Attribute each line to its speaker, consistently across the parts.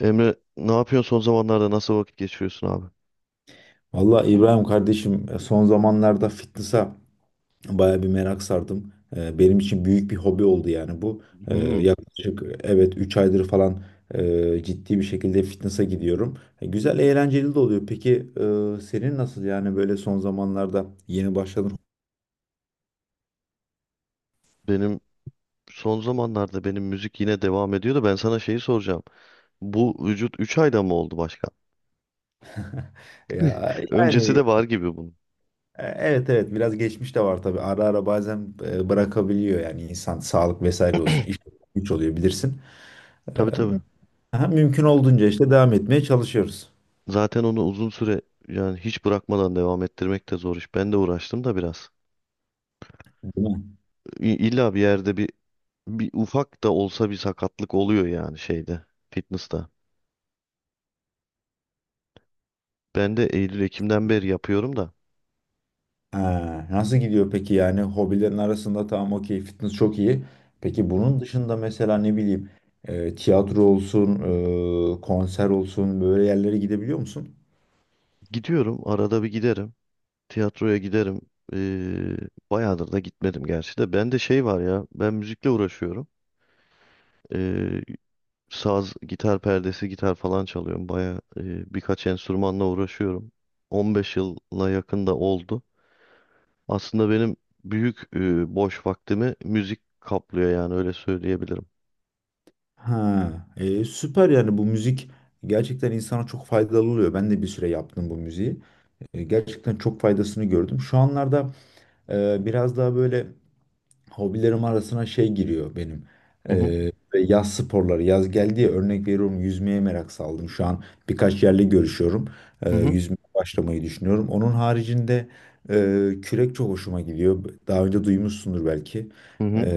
Speaker 1: Emre ne yapıyorsun son zamanlarda nasıl vakit geçiriyorsun abi?
Speaker 2: Valla İbrahim kardeşim son zamanlarda fitness'a baya bir merak sardım. Benim için büyük bir hobi oldu yani bu.
Speaker 1: Hmm,
Speaker 2: Yaklaşık evet 3 aydır falan ciddi bir şekilde fitness'a gidiyorum. Güzel eğlenceli de oluyor. Peki senin nasıl yani böyle son zamanlarda yeni başladın?
Speaker 1: benim son zamanlarda benim müzik yine devam ediyor da ben sana şeyi soracağım. Bu vücut 3 ayda mı oldu başka?
Speaker 2: Ya, yani
Speaker 1: Öncesi de var gibi bunun.
Speaker 2: e, evet evet biraz geçmiş de var tabii. Ara ara bazen bırakabiliyor yani insan sağlık vesaire olsun. İş güç oluyor bilirsin.
Speaker 1: Tabii tabii.
Speaker 2: Aha, mümkün olduğunca işte devam etmeye çalışıyoruz.
Speaker 1: Zaten onu uzun süre yani hiç bırakmadan devam ettirmek de zor iş. Ben de uğraştım da biraz.
Speaker 2: Değil mi?
Speaker 1: İlla bir yerde bir ufak da olsa bir sakatlık oluyor yani şeyde, fitness'ta. Ben de Eylül-Ekim'den beri yapıyorum da.
Speaker 2: Ha, nasıl gidiyor peki yani hobilerin arasında tamam okey fitness çok iyi. Peki bunun dışında mesela ne bileyim tiyatro olsun, konser olsun böyle yerlere gidebiliyor musun?
Speaker 1: Gidiyorum arada bir giderim. Tiyatroya giderim. Ee, bayağıdır da gitmedim gerçi de. Bende şey var ya. Ben müzikle uğraşıyorum. Ee, saz, gitar perdesi, gitar falan çalıyorum. Bayağı birkaç enstrümanla uğraşıyorum. 15 yıla yakın da oldu. Aslında benim büyük boş vaktimi müzik kaplıyor yani öyle söyleyebilirim.
Speaker 2: Ha, süper yani bu müzik gerçekten insana çok faydalı oluyor. Ben de bir süre yaptım bu müziği. Gerçekten çok faydasını gördüm. Şu anlarda biraz daha böyle hobilerim arasına şey giriyor benim.
Speaker 1: Hı hı.
Speaker 2: Ve yaz sporları. Yaz geldi ya örnek veriyorum yüzmeye merak saldım. Şu an birkaç yerle görüşüyorum.
Speaker 1: Hı hı.
Speaker 2: Yüzmeye başlamayı düşünüyorum. Onun haricinde kürek çok hoşuma gidiyor. Daha önce duymuşsundur belki.
Speaker 1: Hı hı.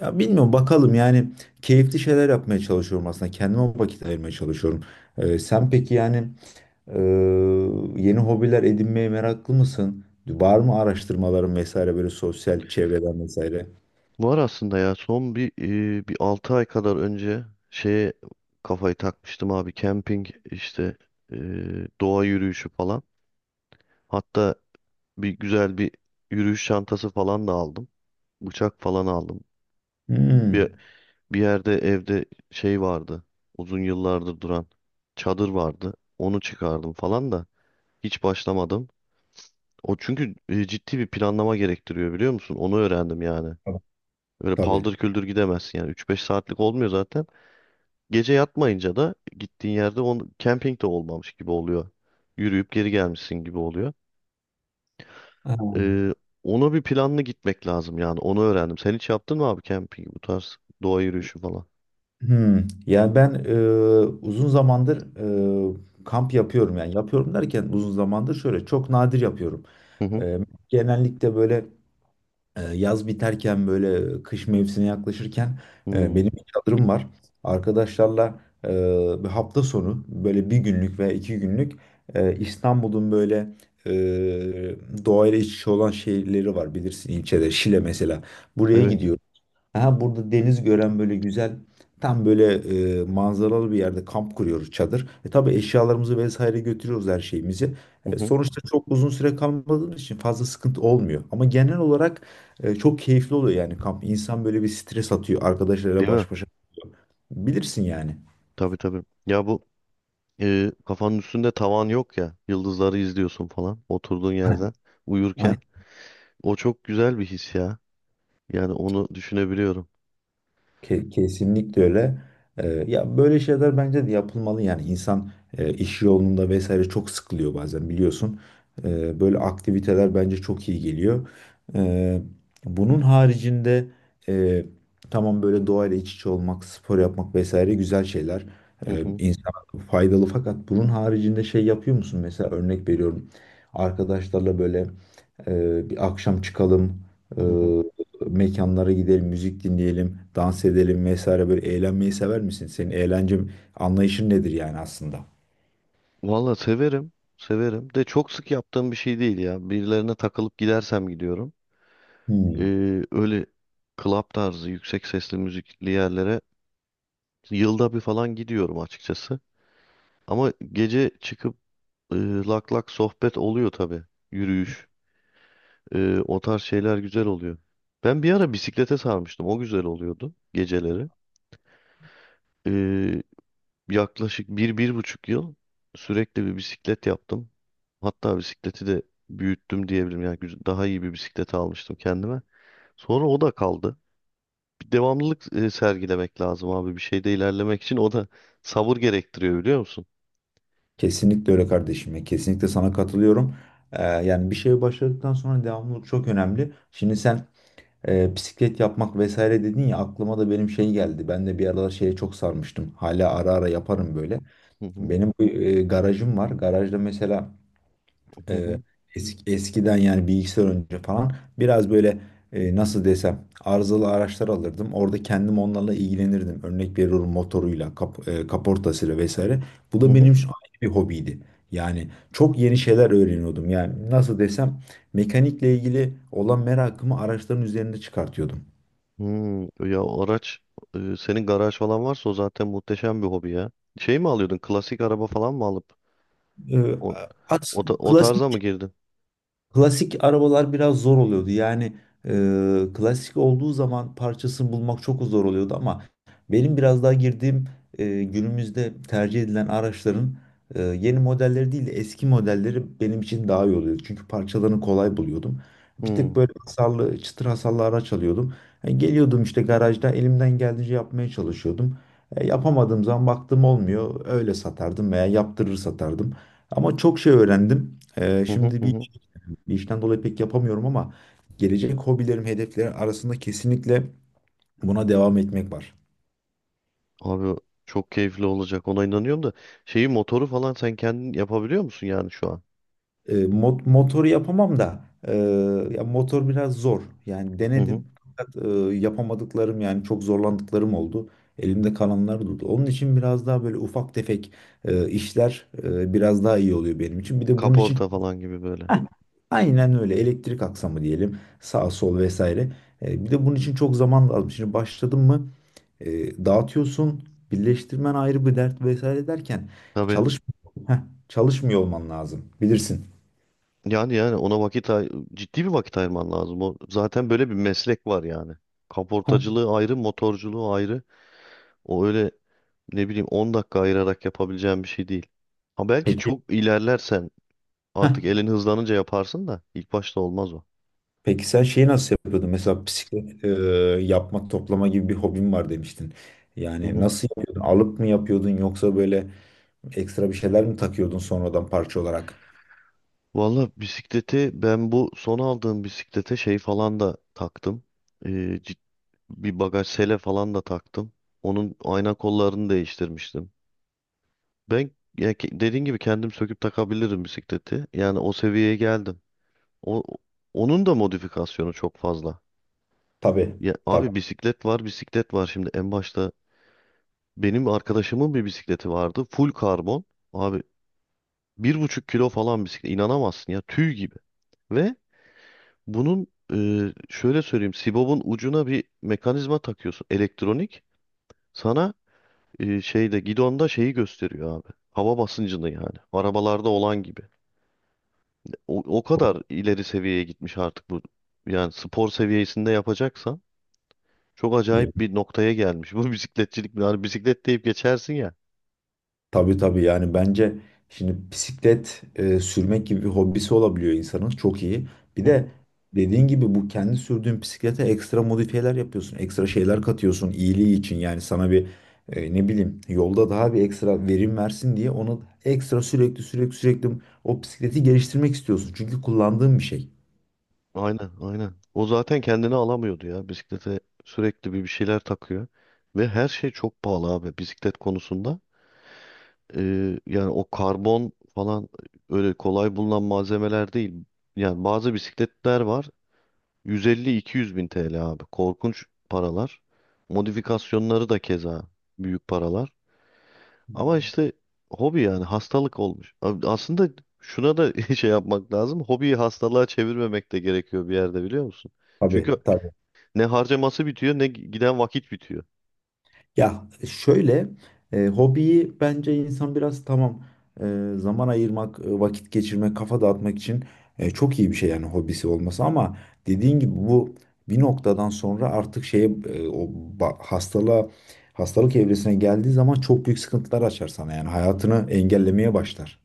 Speaker 2: Ya bilmiyorum bakalım yani keyifli şeyler yapmaya çalışıyorum aslında. Kendime vakit ayırmaya çalışıyorum. Sen peki yani e, yeni hobiler edinmeye meraklı mısın? Var mı araştırmaların vesaire böyle sosyal çevreden vesaire?
Speaker 1: Var aslında ya son bir 6 ay kadar önce şeye kafayı takmıştım abi camping işte e, doğa yürüyüşü falan. Hatta bir güzel bir yürüyüş çantası falan da aldım. Bıçak falan aldım. Bir,
Speaker 2: Hmm.
Speaker 1: bir yerde evde şey vardı. Uzun yıllardır duran çadır vardı. Onu çıkardım falan da hiç başlamadım. O çünkü ciddi bir planlama gerektiriyor biliyor musun? Onu öğrendim yani. Öyle
Speaker 2: Tabii.
Speaker 1: paldır küldür gidemezsin yani üç beş saatlik olmuyor zaten. Gece yatmayınca da gittiğin yerde camping de olmamış gibi oluyor. Yürüyüp geri gelmişsin gibi oluyor.
Speaker 2: Ha.
Speaker 1: Ee, ona bir planlı gitmek lazım yani. Onu öğrendim. Sen hiç yaptın mı abi camping bu tarz doğa yürüyüşü falan?
Speaker 2: Hmm. Yani ben uzun zamandır kamp yapıyorum. Yani yapıyorum derken uzun zamandır şöyle çok nadir yapıyorum.
Speaker 1: Hı hı.
Speaker 2: E, Genellikle böyle yaz biterken böyle kış mevsimine yaklaşırken
Speaker 1: Hmm,
Speaker 2: benim bir çadırım var. Arkadaşlarla bir hafta sonu böyle bir günlük veya iki günlük İstanbul'un böyle e, doğayla iç içe olan şehirleri var bilirsin ilçede Şile mesela. Buraya
Speaker 1: evet.
Speaker 2: gidiyoruz. Aha burada deniz gören böyle güzel tam böyle manzaralı bir yerde kamp kuruyoruz çadır. E tabii eşyalarımızı vesaire götürüyoruz her şeyimizi.
Speaker 1: Hı hı.
Speaker 2: Sonuçta çok uzun süre kalmadığımız için fazla sıkıntı olmuyor. Ama genel olarak çok keyifli oluyor yani kamp. İnsan böyle bir stres atıyor arkadaşlarıyla
Speaker 1: Değil mi?
Speaker 2: baş başa kalıyor. Bilirsin yani.
Speaker 1: Tabii tabii. Ya bu kafanın üstünde tavan yok ya. Yıldızları izliyorsun falan oturduğun yerden uyurken. O çok güzel bir his ya. Yani onu düşünebiliyorum.
Speaker 2: Kesinlikle öyle. Ya böyle şeyler bence de yapılmalı yani insan iş yolunda vesaire çok sıkılıyor bazen biliyorsun. Böyle aktiviteler bence çok iyi geliyor. Ee, bunun haricinde e, tamam böyle doğayla iç içe olmak, spor yapmak vesaire güzel şeyler.
Speaker 1: Hı hı,
Speaker 2: İnsana faydalı fakat bunun haricinde şey yapıyor musun? Mesela örnek veriyorum arkadaşlarla böyle bir akşam çıkalım
Speaker 1: hı hı.
Speaker 2: mekanlara gidelim, müzik dinleyelim, dans edelim vesaire böyle eğlenmeyi sever misin? Senin eğlence anlayışın nedir yani aslında?
Speaker 1: Valla severim. Severim. De çok sık yaptığım bir şey değil ya. Birilerine takılıp gidersem gidiyorum.
Speaker 2: Hmm.
Speaker 1: Öyle club tarzı yüksek sesli müzikli yerlere yılda bir falan gidiyorum açıkçası. Ama gece çıkıp e, lak lak sohbet oluyor tabii. Yürüyüş. O tarz şeyler güzel oluyor. Ben bir ara bisiklete sarmıştım. O güzel oluyordu geceleri. Ee, yaklaşık bir, 1,5 yıl sürekli bir bisiklet yaptım. Hatta bisikleti de büyüttüm diyebilirim. Yani daha iyi bir bisiklet almıştım kendime. Sonra o da kaldı. Bir devamlılık sergilemek lazım abi. Bir şeyde ilerlemek için o da sabır gerektiriyor biliyor musun?
Speaker 2: Kesinlikle öyle kardeşim ya. Kesinlikle sana katılıyorum. Yani bir şeye başladıktan sonra devamlılık çok önemli. Şimdi sen bisiklet yapmak vesaire dedin ya aklıma da benim şey geldi. Ben de bir aralar şeye çok sarmıştım. Hala ara ara yaparım böyle.
Speaker 1: Hı hı,
Speaker 2: Benim bu, garajım var. Garajda mesela
Speaker 1: hı
Speaker 2: e,
Speaker 1: hı,
Speaker 2: eski, eskiden yani bilgisayar önce falan biraz böyle nasıl desem arızalı araçlar alırdım. Orada kendim onlarla ilgilenirdim. Örnek veriyorum motoruyla, kaportasıyla vesaire. Bu
Speaker 1: hı
Speaker 2: da
Speaker 1: hı.
Speaker 2: benim şu ayrı bir hobiydi. Yani çok yeni şeyler öğreniyordum. Yani nasıl desem mekanikle ilgili olan merakımı araçların üzerinde çıkartıyordum.
Speaker 1: Hmm, ya o araç senin garaj falan varsa o zaten muhteşem bir hobi ya. Şey mi alıyordun? Klasik araba falan mı alıp
Speaker 2: E,
Speaker 1: o,
Speaker 2: at,
Speaker 1: o
Speaker 2: klasik.
Speaker 1: tarza mı girdin?
Speaker 2: Klasik arabalar biraz zor oluyordu. Yani klasik olduğu zaman parçasını bulmak çok zor oluyordu ama benim biraz daha girdiğim günümüzde tercih edilen araçların yeni modelleri değil de eski modelleri benim için daha iyi oluyordu. Çünkü parçalarını kolay buluyordum. Bir tık
Speaker 1: Hmm.
Speaker 2: böyle hasarlı, çıtır hasarlı araç alıyordum. Geliyordum işte garajda elimden geldiğince yapmaya çalışıyordum. Yapamadığım zaman baktım olmuyor. Öyle satardım veya yaptırır satardım. Ama çok şey öğrendim.
Speaker 1: Hı hı
Speaker 2: Şimdi
Speaker 1: hı.
Speaker 2: bir
Speaker 1: hı.
Speaker 2: bir işten dolayı pek yapamıyorum ama gelecek hobilerim, hedeflerim arasında kesinlikle buna devam etmek var.
Speaker 1: Abi çok keyifli olacak. Ona inanıyorum da şeyi motoru falan sen kendin yapabiliyor musun yani şu an?
Speaker 2: Motoru yapamam da ya motor biraz zor. Yani
Speaker 1: Hı hı.
Speaker 2: denedim fakat yapamadıklarım yani çok zorlandıklarım oldu. Elimde kalanlar durdu. Onun için biraz daha böyle ufak tefek işler biraz daha iyi oluyor benim için. Bir de bunun için
Speaker 1: Kaporta falan gibi böyle.
Speaker 2: aynen öyle. Elektrik aksamı diyelim. Sağ sol vesaire. Bir de bunun için çok zaman lazım. Şimdi başladın mı dağıtıyorsun. Birleştirmen ayrı bir dert vesaire derken
Speaker 1: Tabii.
Speaker 2: çalış Heh, çalışmıyor olman lazım. Bilirsin.
Speaker 1: Yani yani ona vakit ciddi bir vakit ayırman lazım. O zaten böyle bir meslek var yani.
Speaker 2: Heh.
Speaker 1: Kaportacılığı ayrı, motorculuğu ayrı. O öyle ne bileyim 10 dakika ayırarak yapabileceğim bir şey değil. Ha belki
Speaker 2: Peki.
Speaker 1: çok ilerlersen
Speaker 2: Heh.
Speaker 1: artık elin hızlanınca yaparsın da ilk başta olmaz o.
Speaker 2: Peki sen şeyi nasıl yapıyordun? Mesela bisiklet yapma, toplama gibi bir hobin var demiştin.
Speaker 1: Hı
Speaker 2: Yani
Speaker 1: hı.
Speaker 2: nasıl yapıyordun? Alıp mı yapıyordun yoksa böyle ekstra bir şeyler mi takıyordun sonradan parça olarak?
Speaker 1: Valla bisikleti ben bu son aldığım bisiklete şey falan da taktım. Ee, cid- bir bagaj sele falan da taktım. Onun ayna kollarını değiştirmiştim. Ben ya dediğin gibi kendim söküp takabilirim bisikleti. Yani o seviyeye geldim. O, onun da modifikasyonu çok fazla.
Speaker 2: Tabii.
Speaker 1: Ya
Speaker 2: Tabii.
Speaker 1: abi bisiklet var, bisiklet var. Şimdi en başta benim arkadaşımın bir bisikleti vardı. Full karbon. Abi 1,5 kilo falan bisiklet. İnanamazsın ya tüy gibi. Ve bunun e, şöyle söyleyeyim. Sibob'un ucuna bir mekanizma takıyorsun. Elektronik. Sana şeyde gidonda şeyi gösteriyor abi. Hava basıncını yani. Arabalarda olan gibi. O kadar ileri seviyeye gitmiş artık bu. Yani spor seviyesinde yapacaksan çok acayip bir noktaya gelmiş. Bu bisikletçilik. Yani bisiklet deyip geçersin ya.
Speaker 2: Tabii tabii yani bence şimdi bisiklet sürmek gibi bir hobisi olabiliyor insanın çok iyi. Bir de dediğin gibi bu kendi sürdüğün bisiklete ekstra modifiyeler yapıyorsun. Ekstra şeyler katıyorsun iyiliği için yani sana bir ne bileyim yolda daha bir ekstra verim versin diye onu ekstra sürekli o bisikleti geliştirmek istiyorsun. Çünkü kullandığın bir şey.
Speaker 1: Aynen, aynen. O zaten kendini alamıyordu ya. Bisiklete sürekli bir şeyler takıyor. Ve her şey çok pahalı abi bisiklet konusunda. Yani o karbon falan öyle kolay bulunan malzemeler değil. Yani bazı bisikletler var. 150-200 bin TL abi. Korkunç paralar. Modifikasyonları da keza büyük paralar. Ama işte hobi yani hastalık olmuş. Abi aslında şuna da şey yapmak lazım. Hobiyi hastalığa çevirmemek de gerekiyor bir yerde biliyor musun?
Speaker 2: Tabii
Speaker 1: Çünkü
Speaker 2: tabii.
Speaker 1: ne harcaması bitiyor ne giden vakit bitiyor.
Speaker 2: Ya şöyle hobiyi bence insan biraz tamam zaman ayırmak, vakit geçirmek, kafa dağıtmak için çok iyi bir şey yani hobisi olması ama dediğin gibi bu bir noktadan sonra artık o ba- hastalığa hastalık evresine geldiği zaman çok büyük sıkıntılar açar sana yani hayatını engellemeye başlar.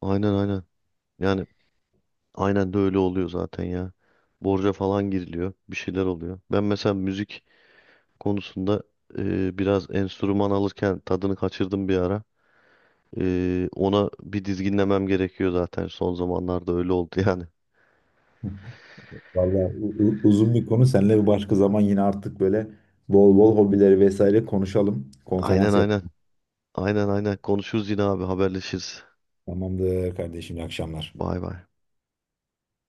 Speaker 1: Aynen aynen. Yani aynen de öyle oluyor zaten ya. Borca falan giriliyor. Bir şeyler oluyor. Ben mesela müzik konusunda biraz enstrüman alırken tadını kaçırdım bir ara. Ona bir dizginlemem gerekiyor zaten. Son zamanlarda öyle oldu yani.
Speaker 2: Vallahi uzun bir konu seninle bir başka zaman yine artık böyle bol bol hobileri vesaire konuşalım.
Speaker 1: Aynen
Speaker 2: Konferans
Speaker 1: aynen.
Speaker 2: yapalım.
Speaker 1: Aynen aynen. Konuşuruz yine abi haberleşiriz.
Speaker 2: Tamamdır kardeşim, iyi akşamlar.
Speaker 1: Bay bay.